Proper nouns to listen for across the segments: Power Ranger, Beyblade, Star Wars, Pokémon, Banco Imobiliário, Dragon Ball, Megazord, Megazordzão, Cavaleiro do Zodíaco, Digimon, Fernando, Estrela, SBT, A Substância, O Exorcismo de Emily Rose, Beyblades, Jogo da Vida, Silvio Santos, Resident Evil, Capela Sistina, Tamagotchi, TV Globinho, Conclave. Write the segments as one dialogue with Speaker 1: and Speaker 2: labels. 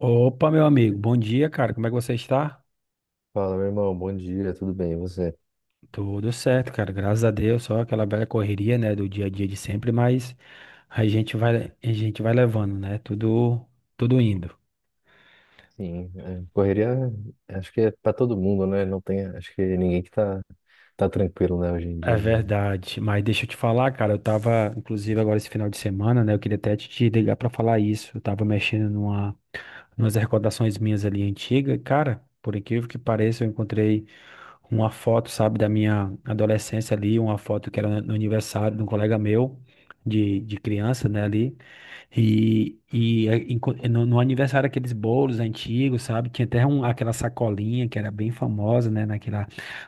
Speaker 1: Opa, meu amigo, bom dia, cara. Como é que você está?
Speaker 2: Fala, meu irmão, bom dia, tudo bem, e você?
Speaker 1: Tudo certo, cara. Graças a Deus, só aquela velha correria, né, do dia a dia de sempre, mas a gente vai levando, né? Tudo indo.
Speaker 2: Sim, é, correria, acho que é para todo mundo, né? Não tem, acho que ninguém que tá tranquilo, né, hoje em
Speaker 1: É
Speaker 2: dia de...
Speaker 1: verdade. Mas deixa eu te falar, cara, eu tava, inclusive, agora esse final de semana, né? Eu queria até te ligar pra falar isso. Eu tava mexendo umas recordações minhas ali antigas, e, cara. Por incrível que pareça, eu encontrei uma foto, sabe, da minha adolescência ali, uma foto que era no aniversário de um colega meu, de criança, né, ali. E no aniversário, aqueles bolos antigos, sabe, tinha até um, aquela sacolinha que era bem famosa, né, naquela,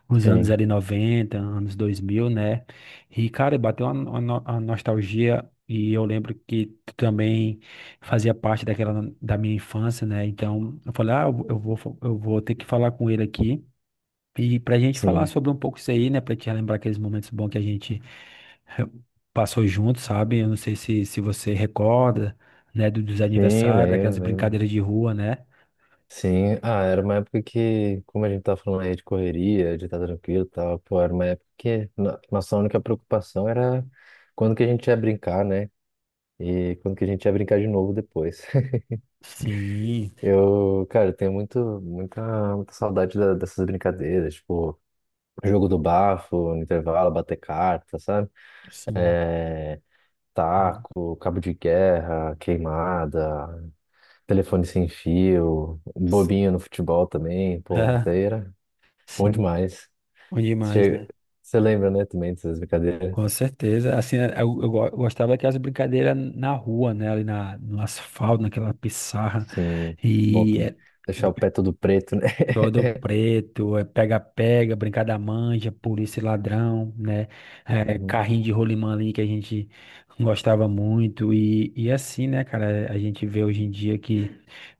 Speaker 1: nos anos
Speaker 2: Sim,
Speaker 1: ali 90, anos 2000, né, e, cara, bateu uma, no- uma nostalgia. E eu lembro que tu também fazia parte daquela da minha infância, né? Então, eu falei, ah, eu vou ter que falar com ele aqui e para a gente falar
Speaker 2: sim,
Speaker 1: sobre um pouco isso aí, né? Para te relembrar aqueles momentos bons que a gente eh, passou junto, sabe? Eu não sei se você recorda, né? Dos
Speaker 2: sim,
Speaker 1: aniversários, daquelas
Speaker 2: lembro, lembro.
Speaker 1: brincadeiras de rua, né?
Speaker 2: Sim, ah, era uma época que, como a gente tá falando aí de correria, de estar tranquilo e tal, pô, era uma época que nossa única preocupação era quando que a gente ia brincar, né? E quando que a gente ia brincar de novo depois.
Speaker 1: Sim,
Speaker 2: Eu, cara, eu tenho muita saudade dessas brincadeiras, tipo... Jogo do bafo, no intervalo, bater carta, sabe?
Speaker 1: sim.
Speaker 2: É,
Speaker 1: Hum.
Speaker 2: taco, cabo de guerra, queimada, telefone sem fio, bobinha no futebol também, pô, isso
Speaker 1: É.
Speaker 2: daí era bom
Speaker 1: Sim.
Speaker 2: demais.
Speaker 1: Bom demais,
Speaker 2: Você,
Speaker 1: né?
Speaker 2: você lembra, né, também dessas brincadeiras?
Speaker 1: Com certeza. Assim, eu gostava daquelas brincadeiras na rua, né? Ali no asfalto, naquela pissarra.
Speaker 2: Sim, bom
Speaker 1: E
Speaker 2: também.
Speaker 1: eh,
Speaker 2: Deixar o pé todo preto, né?
Speaker 1: todo preto, é pega-pega, brincar da manja, polícia e ladrão, né? É,
Speaker 2: Uhum,
Speaker 1: carrinho de rolimã ali que a gente gostava muito. E assim, né, cara, a gente vê hoje em dia que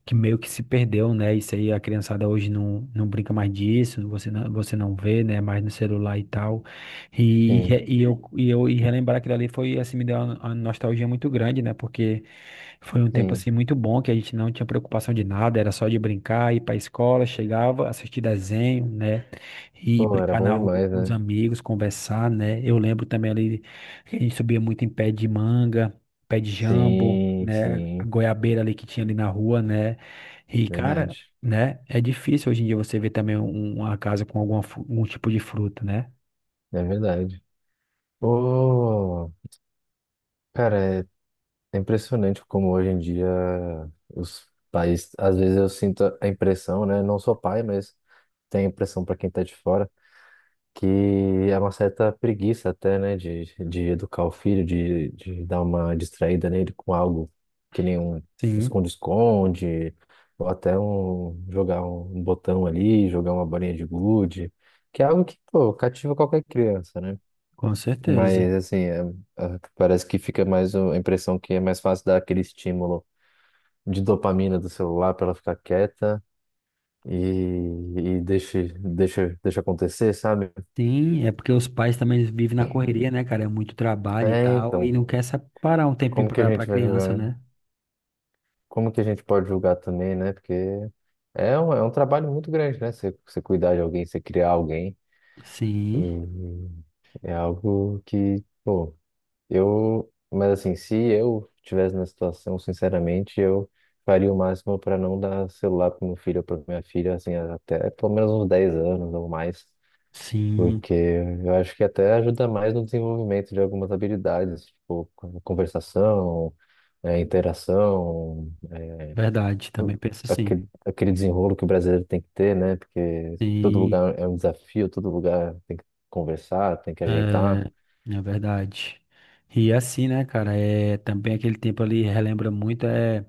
Speaker 1: que meio que se perdeu, né? Isso aí a criançada hoje não brinca mais disso, você não vê, né? Mais no celular e tal. E, e,
Speaker 2: sim,
Speaker 1: re- e eu, e eu e relembrar aquilo ali foi, assim, me deu uma nostalgia muito grande, né? Porque foi um tempo,
Speaker 2: sim.
Speaker 1: assim, muito bom, que a gente não tinha preocupação de nada, era só de brincar, ir pra escola, chegava, assistir desenho, né? E
Speaker 2: Pô, era
Speaker 1: brincar
Speaker 2: bom
Speaker 1: na rua
Speaker 2: demais,
Speaker 1: com os
Speaker 2: né?
Speaker 1: amigos, conversar, né? Eu lembro também ali que a gente subia muito em pé de manga, pé de jambo,
Speaker 2: Sim,
Speaker 1: né? A
Speaker 2: sim,
Speaker 1: goiabeira ali que tinha ali na rua, né? E,
Speaker 2: verdade.
Speaker 1: cara, né? É difícil hoje em dia você ver também um- uma casa com algum tipo de fruta, né?
Speaker 2: É verdade. Pô, cara, é impressionante como hoje em dia os pais, às vezes eu sinto a impressão, né? Não sou pai, mas tenho a impressão para quem tá de fora, que é uma certa preguiça até, né? De educar o filho, de dar uma distraída nele com algo que nem um
Speaker 1: Sim,
Speaker 2: esconde-esconde, ou até um jogar um botão ali, jogar uma bolinha de gude, que é algo que, pô, cativa qualquer criança, né?
Speaker 1: com certeza.
Speaker 2: Mas, assim, parece que fica mais a impressão que é mais fácil dar aquele estímulo de dopamina do celular para ela ficar quieta e, e deixa acontecer, sabe?
Speaker 1: Sim, é porque os pais também eles vivem na correria, né, cara? É muito trabalho e
Speaker 2: É,
Speaker 1: tal, e
Speaker 2: então,
Speaker 1: não quer separar um tempinho
Speaker 2: como que a
Speaker 1: pra
Speaker 2: gente vai
Speaker 1: criança,
Speaker 2: julgar, hein?
Speaker 1: né?
Speaker 2: Como que a gente pode julgar também, né? Porque é um trabalho muito grande, né? Você cuidar de alguém, você criar alguém.
Speaker 1: Sim,
Speaker 2: E é algo que, pô, eu. Mas assim, se eu estivesse na situação, sinceramente, eu faria o máximo para não dar celular para meu filho ou para minha filha, assim, até pelo menos uns 10 anos ou mais.
Speaker 1: sim,
Speaker 2: Porque eu acho que até ajuda mais no desenvolvimento de algumas habilidades, tipo conversação, interação,
Speaker 1: verdade. Também
Speaker 2: o-
Speaker 1: penso assim.
Speaker 2: aquele, aquele desenrolo que o brasileiro tem que ter, né? Porque todo
Speaker 1: Sim,
Speaker 2: lugar é um desafio, todo lugar tem que conversar, tem que ajeitar.
Speaker 1: é, é verdade. E assim, né, cara? É, também aquele tempo ali relembra muito é,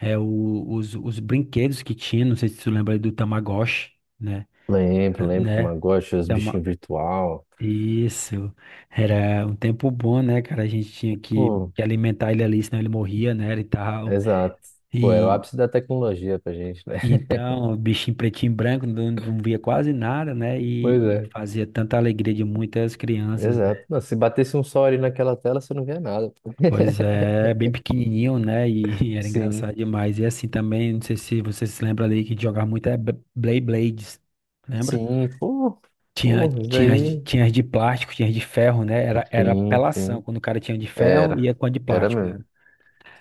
Speaker 1: é o- os, os brinquedos que tinha. Não sei se tu lembra aí do Tamagotchi, né?
Speaker 2: Lembro, lembro que
Speaker 1: né?
Speaker 2: Tamagotchi, os
Speaker 1: Então,
Speaker 2: bichinhos virtual.
Speaker 1: isso. Era um tempo bom, né, cara? A gente tinha que,
Speaker 2: Pô,
Speaker 1: que alimentar ele ali, senão ele morria, né? E tal.
Speaker 2: exato. Pô, era o
Speaker 1: E
Speaker 2: ápice da tecnologia pra gente, né?
Speaker 1: então, o bichinho pretinho e branco, não via quase nada, né?
Speaker 2: Pois
Speaker 1: E
Speaker 2: é,
Speaker 1: fazia tanta alegria de muitas crianças,
Speaker 2: exato.
Speaker 1: né?
Speaker 2: Não, se batesse um sol ali naquela tela, você não via nada.
Speaker 1: Pois é, é bem pequenininho, né? E, e era
Speaker 2: Sim.
Speaker 1: engraçado demais. E assim também, não sei se você se lembra ali que jogava muito Beyblades. Lembra?
Speaker 2: Sim, pô,
Speaker 1: Tinha,
Speaker 2: pô, isso
Speaker 1: tinha, as de-
Speaker 2: daí.
Speaker 1: tinha as de plástico, tinha as de ferro, né? Era
Speaker 2: Sim,
Speaker 1: apelação.
Speaker 2: sim.
Speaker 1: Quando o cara tinha de ferro,
Speaker 2: Era.
Speaker 1: ia com a de
Speaker 2: Era
Speaker 1: plástico, né?
Speaker 2: mesmo.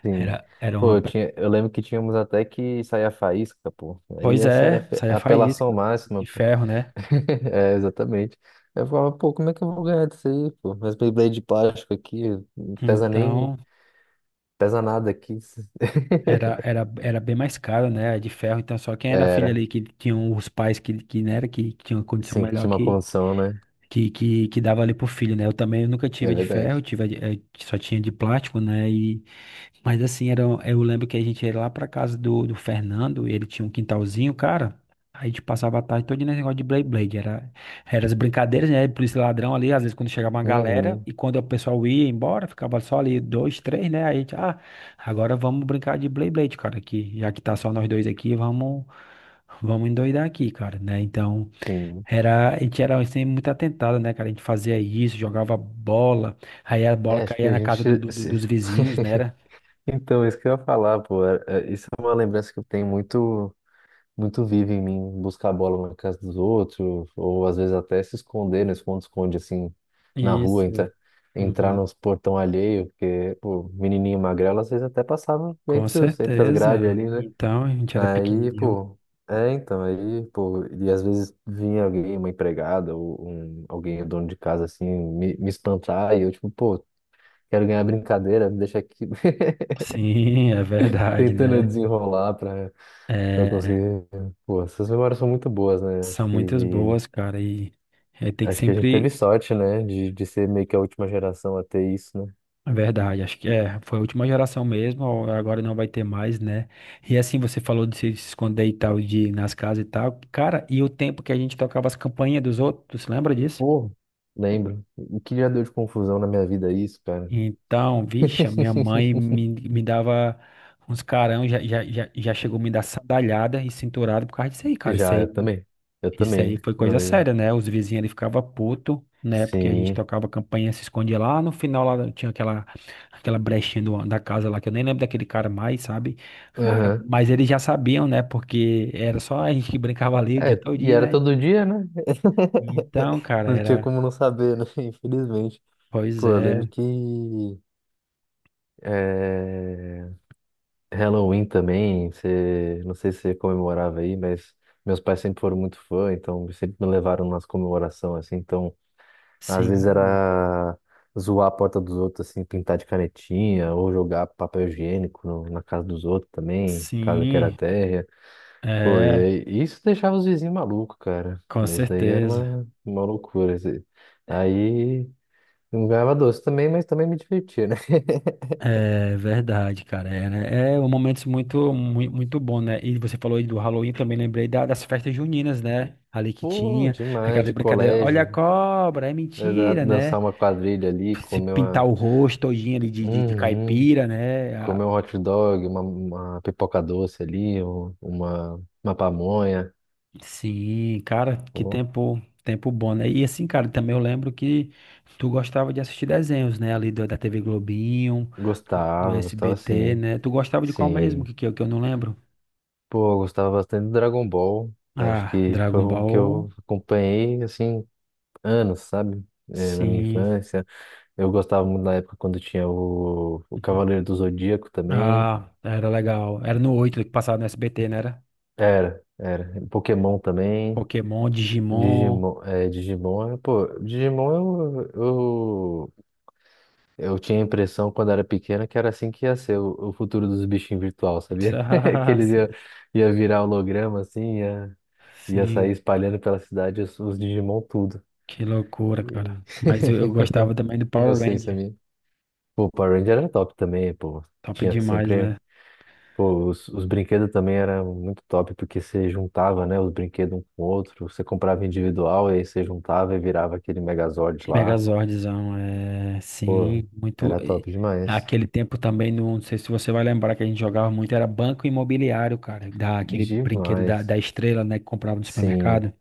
Speaker 2: Sim.
Speaker 1: Era, era uma.
Speaker 2: Pô,
Speaker 1: pe-
Speaker 2: eu lembro que tínhamos até que sair a faísca, pô. Aí
Speaker 1: Pois
Speaker 2: essa era a
Speaker 1: é,
Speaker 2: a
Speaker 1: saía
Speaker 2: apelação
Speaker 1: faísca
Speaker 2: máxima,
Speaker 1: de
Speaker 2: pô.
Speaker 1: ferro, né?
Speaker 2: É, exatamente. Eu falava, pô, como é que eu vou ganhar disso aí, pô? Mas Beyblade de plástico aqui, não pesa
Speaker 1: Então,
Speaker 2: nem, pesa nada aqui.
Speaker 1: era bem mais cara, né? A de ferro. Então, só quem era filho
Speaker 2: Era.
Speaker 1: ali que tinham os pais que tinham condição
Speaker 2: Sim,
Speaker 1: melhor
Speaker 2: tinha uma
Speaker 1: que,
Speaker 2: condição, né?
Speaker 1: que, que, que dava ali pro filho, né? Eu também nunca
Speaker 2: É
Speaker 1: tive a de ferro,
Speaker 2: verdade.
Speaker 1: tive só tinha de plástico, né? Mas assim, era, eu lembro que a gente ia lá pra casa do Fernando, ele tinha um quintalzinho, cara. Aí a gente passava a tarde todo nesse negócio de Blade Blade. Era as brincadeiras, né? Polícia e ladrão ali, às vezes quando chegava uma galera,
Speaker 2: Uhum,
Speaker 1: e quando o pessoal ia embora, ficava só ali dois, três, né? Aí a gente, ah, agora vamos brincar de Blade Blade, cara, aqui. Já que tá só nós dois aqui, vamos endoidar aqui, cara, né? Então,
Speaker 2: sim.
Speaker 1: a gente era assim, muito atentado, né, cara? A gente fazia isso, jogava bola, aí a
Speaker 2: É,
Speaker 1: bola
Speaker 2: acho que
Speaker 1: caía
Speaker 2: a
Speaker 1: na
Speaker 2: gente
Speaker 1: casa do, do- do-
Speaker 2: se...
Speaker 1: dos vizinhos, né?
Speaker 2: Então, isso que eu ia falar, pô, isso é uma lembrança que eu tenho muito viva em mim, buscar a bola na casa dos outros, ou às vezes até se esconder no esconde-esconde, assim, na rua,
Speaker 1: Isso.
Speaker 2: entrar
Speaker 1: Uhum.
Speaker 2: nos portão alheio, porque, pô, menininho magrelo, às vezes até passava
Speaker 1: Com
Speaker 2: entre as grades
Speaker 1: certeza.
Speaker 2: ali, né?
Speaker 1: Então, a gente era
Speaker 2: Aí,
Speaker 1: pequenininho.
Speaker 2: pô, é, então, aí, pô, e às vezes vinha alguém, uma empregada, ou um, alguém, dono de casa, assim, me espantar, e eu, tipo, pô, quero ganhar brincadeira, me deixa aqui.
Speaker 1: Sim, é verdade,
Speaker 2: Tentando
Speaker 1: né?
Speaker 2: desenrolar para eu
Speaker 1: É,
Speaker 2: conseguir. Pô, essas memórias são muito boas, né?
Speaker 1: são muitas boas, cara, e tem que
Speaker 2: Acho que a gente teve
Speaker 1: sempre.
Speaker 2: sorte, né, de ser meio que a última geração a ter isso, né?
Speaker 1: É verdade, acho que foi a última geração mesmo, ou agora não vai ter mais, né? E assim, você falou de se esconder e tal, de ir nas casas e tal. Cara, e o tempo que a gente tocava as campainhas dos outros, lembra disso?
Speaker 2: Pô, lembro. O que já deu de confusão na minha vida é isso, cara.
Speaker 1: Então, vixe, a minha mãe me dava uns carão, já chegou a me dar sandalhada e cinturada por causa disso aí, cara. Isso
Speaker 2: Já,
Speaker 1: aí,
Speaker 2: eu também. Eu
Speaker 1: isso aí
Speaker 2: também.
Speaker 1: foi
Speaker 2: Uma
Speaker 1: coisa
Speaker 2: vez.
Speaker 1: séria, né? Os vizinhos ele ficava puto, né? Porque a gente
Speaker 2: Sim.
Speaker 1: tocava campainha, se escondia lá. No final lá tinha aquela brechinha da casa lá, que eu nem lembro daquele cara mais, sabe? Cara,
Speaker 2: Aham.
Speaker 1: mas eles já sabiam, né? Porque era só a gente que brincava ali o
Speaker 2: É,
Speaker 1: dia
Speaker 2: e
Speaker 1: todinho,
Speaker 2: era
Speaker 1: né?
Speaker 2: todo dia, né?
Speaker 1: Então, cara,
Speaker 2: Não tinha
Speaker 1: era.
Speaker 2: como não saber, né? Infelizmente.
Speaker 1: Pois
Speaker 2: Pô, eu lembro
Speaker 1: é,
Speaker 2: que. Eh, Halloween também, você, não sei se você comemorava aí, mas meus pais sempre foram muito fã, então sempre me levaram nas comemorações, assim, então às vezes
Speaker 1: sim,
Speaker 2: era zoar a porta dos outros, assim, pintar de canetinha, ou jogar papel higiênico na casa dos outros também, casa que era
Speaker 1: sim.
Speaker 2: térrea, pô, e
Speaker 1: É.
Speaker 2: aí, e isso deixava os vizinhos malucos, cara,
Speaker 1: Com
Speaker 2: isso daí era
Speaker 1: certeza.
Speaker 2: uma loucura, assim. Aí não ganhava doce também, mas também me divertia, né?
Speaker 1: É verdade, cara. É, né? É um momento muito, muito, muito bom, né? E você falou aí do Halloween, também lembrei das festas juninas, né? Ali que
Speaker 2: Pô,
Speaker 1: tinha,
Speaker 2: demais,
Speaker 1: aquelas
Speaker 2: de
Speaker 1: brincadeiras, olha a
Speaker 2: colégio.
Speaker 1: cobra, é
Speaker 2: Exato,
Speaker 1: mentira, né?
Speaker 2: dançar uma quadrilha ali,
Speaker 1: Se
Speaker 2: comer
Speaker 1: pintar
Speaker 2: uma.
Speaker 1: o rosto todinho ali de
Speaker 2: Uhum.
Speaker 1: caipira, né? Ah,
Speaker 2: Comer um hot dog, uma pipoca doce ali, uma pamonha.
Speaker 1: sim, cara, que
Speaker 2: Pô,
Speaker 1: tempo, tempo bom, né? E assim, cara, também eu lembro que tu gostava de assistir desenhos, né? Ali da TV Globinho, do
Speaker 2: gostava, gostava
Speaker 1: SBT,
Speaker 2: sim.
Speaker 1: né? Tu gostava de qual mesmo?
Speaker 2: Sim.
Speaker 1: Que eu não lembro.
Speaker 2: Pô, eu gostava bastante do Dragon Ball. Acho
Speaker 1: Ah,
Speaker 2: que foi
Speaker 1: Dragon
Speaker 2: um que
Speaker 1: Ball,
Speaker 2: eu acompanhei, assim, anos, sabe? É, na minha
Speaker 1: sim.
Speaker 2: infância. Eu gostava muito da época quando tinha o
Speaker 1: Uhum.
Speaker 2: Cavaleiro do Zodíaco também.
Speaker 1: Ah, era legal. Era no 8 que passava no SBT, né? Era
Speaker 2: Era, era. Pokémon também.
Speaker 1: Pokémon, Digimon.
Speaker 2: Digimon, Digimon eu, eu, eu tinha a impressão quando era pequena que era assim que ia ser o futuro dos bichinhos virtual, sabia? Que
Speaker 1: Ah,
Speaker 2: eles
Speaker 1: sim.
Speaker 2: ia, ia virar holograma assim, ia, ia sair
Speaker 1: Sim,
Speaker 2: espalhando pela cidade os Digimon tudo.
Speaker 1: que loucura, cara.
Speaker 2: E-
Speaker 1: Mas eu gostava também do Power
Speaker 2: Inocência
Speaker 1: Ranger.
Speaker 2: minha. Pô, Power Ranger era top também, pô.
Speaker 1: Top
Speaker 2: Tinha
Speaker 1: demais,
Speaker 2: sempre,
Speaker 1: né?
Speaker 2: pô, os brinquedos também eram muito top porque você juntava, né, os brinquedos um com o outro, você comprava individual e aí você juntava e virava aquele Megazord lá.
Speaker 1: Megazordzão, é.
Speaker 2: Pô,
Speaker 1: Sim, muito.
Speaker 2: era top demais.
Speaker 1: Aquele tempo também, não sei se você vai lembrar que a gente jogava muito, era Banco Imobiliário, cara. Aquele brinquedo da,
Speaker 2: Demais.
Speaker 1: da estrela, né? Que comprava no
Speaker 2: Sim,
Speaker 1: supermercado.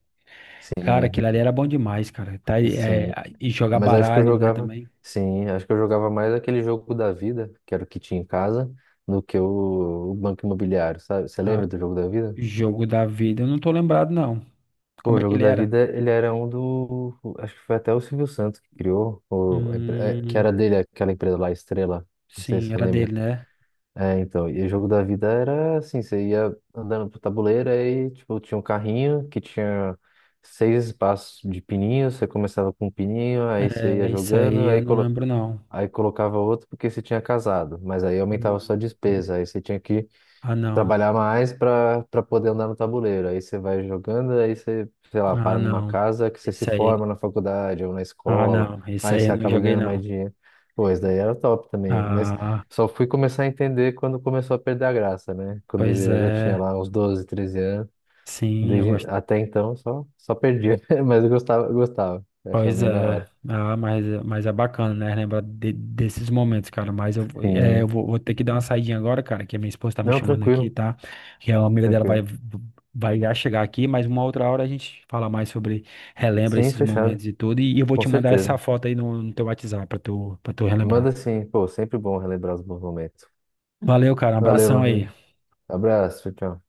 Speaker 1: Cara,
Speaker 2: sim,
Speaker 1: aquilo ali era bom demais, cara. Tá, aí, é,
Speaker 2: sim.
Speaker 1: e jogar
Speaker 2: Mas
Speaker 1: baralho, né, também.
Speaker 2: acho que eu jogava mais aquele jogo da vida, que era o que tinha em casa, do que o Banco Imobiliário, sabe? Você
Speaker 1: Ah,
Speaker 2: lembra do jogo da vida?
Speaker 1: jogo da vida. Eu não tô lembrado, não.
Speaker 2: Pô,
Speaker 1: Como
Speaker 2: o
Speaker 1: é que
Speaker 2: jogo
Speaker 1: ele
Speaker 2: da
Speaker 1: era?
Speaker 2: vida, ele era um do, acho que foi até o Silvio Santos que criou, ou, que
Speaker 1: Hum,
Speaker 2: era dele, aquela empresa lá, Estrela. Não sei se
Speaker 1: sim,
Speaker 2: você
Speaker 1: era
Speaker 2: lembra.
Speaker 1: dele, né?
Speaker 2: É, então, e o jogo da vida era assim, você ia andando pro tabuleiro, aí, tipo, tinha um carrinho que tinha seis espaços de pininho, você começava com um pininho, aí você ia
Speaker 1: É, isso
Speaker 2: jogando,
Speaker 1: aí eu não lembro, não.
Speaker 2: aí colocava outro porque você tinha casado, mas aí aumentava a sua
Speaker 1: Hum,
Speaker 2: despesa, aí você tinha que
Speaker 1: ah, não.
Speaker 2: trabalhar mais para poder andar no tabuleiro. Aí você vai jogando, aí você, sei lá,
Speaker 1: Ah,
Speaker 2: para numa
Speaker 1: não.
Speaker 2: casa que você se
Speaker 1: Isso aí.
Speaker 2: forma na faculdade ou na
Speaker 1: Ah,
Speaker 2: escola,
Speaker 1: não. Isso
Speaker 2: aí
Speaker 1: aí eu
Speaker 2: você
Speaker 1: não
Speaker 2: acaba
Speaker 1: joguei,
Speaker 2: ganhando mais
Speaker 1: não.
Speaker 2: dinheiro. Pô, isso daí era top também, mas
Speaker 1: Ah,
Speaker 2: só fui começar a entender quando começou a perder a graça, né? Quando
Speaker 1: pois
Speaker 2: eu já tinha
Speaker 1: é.
Speaker 2: lá uns 12 13 anos.
Speaker 1: Sim, eu gosto.
Speaker 2: Até então só perdia, mas eu gostava, eu achava
Speaker 1: Pois
Speaker 2: bem da
Speaker 1: é,
Speaker 2: hora.
Speaker 1: ah, mas é bacana, né? Lembrar desses momentos, cara. Mas eu, vou- é, eu
Speaker 2: Sim.
Speaker 1: vou, vou ter que dar uma saidinha agora, cara, que a minha esposa tá me
Speaker 2: Não,
Speaker 1: chamando aqui,
Speaker 2: tranquilo,
Speaker 1: tá? Que a amiga dela vai,
Speaker 2: tranquilo.
Speaker 1: vai já chegar aqui, mas uma outra hora a gente fala mais sobre, relembra
Speaker 2: Sim,
Speaker 1: esses
Speaker 2: fechado,
Speaker 1: momentos e tudo. E, eu vou
Speaker 2: com
Speaker 1: te mandar essa
Speaker 2: certeza.
Speaker 1: foto aí no teu WhatsApp pra tu relembrar.
Speaker 2: Manda sim, pô, sempre bom relembrar os bons momentos.
Speaker 1: Valeu, cara. Um
Speaker 2: Valeu, meu
Speaker 1: abração aí.
Speaker 2: amigo. Abraço, tchau, tchau.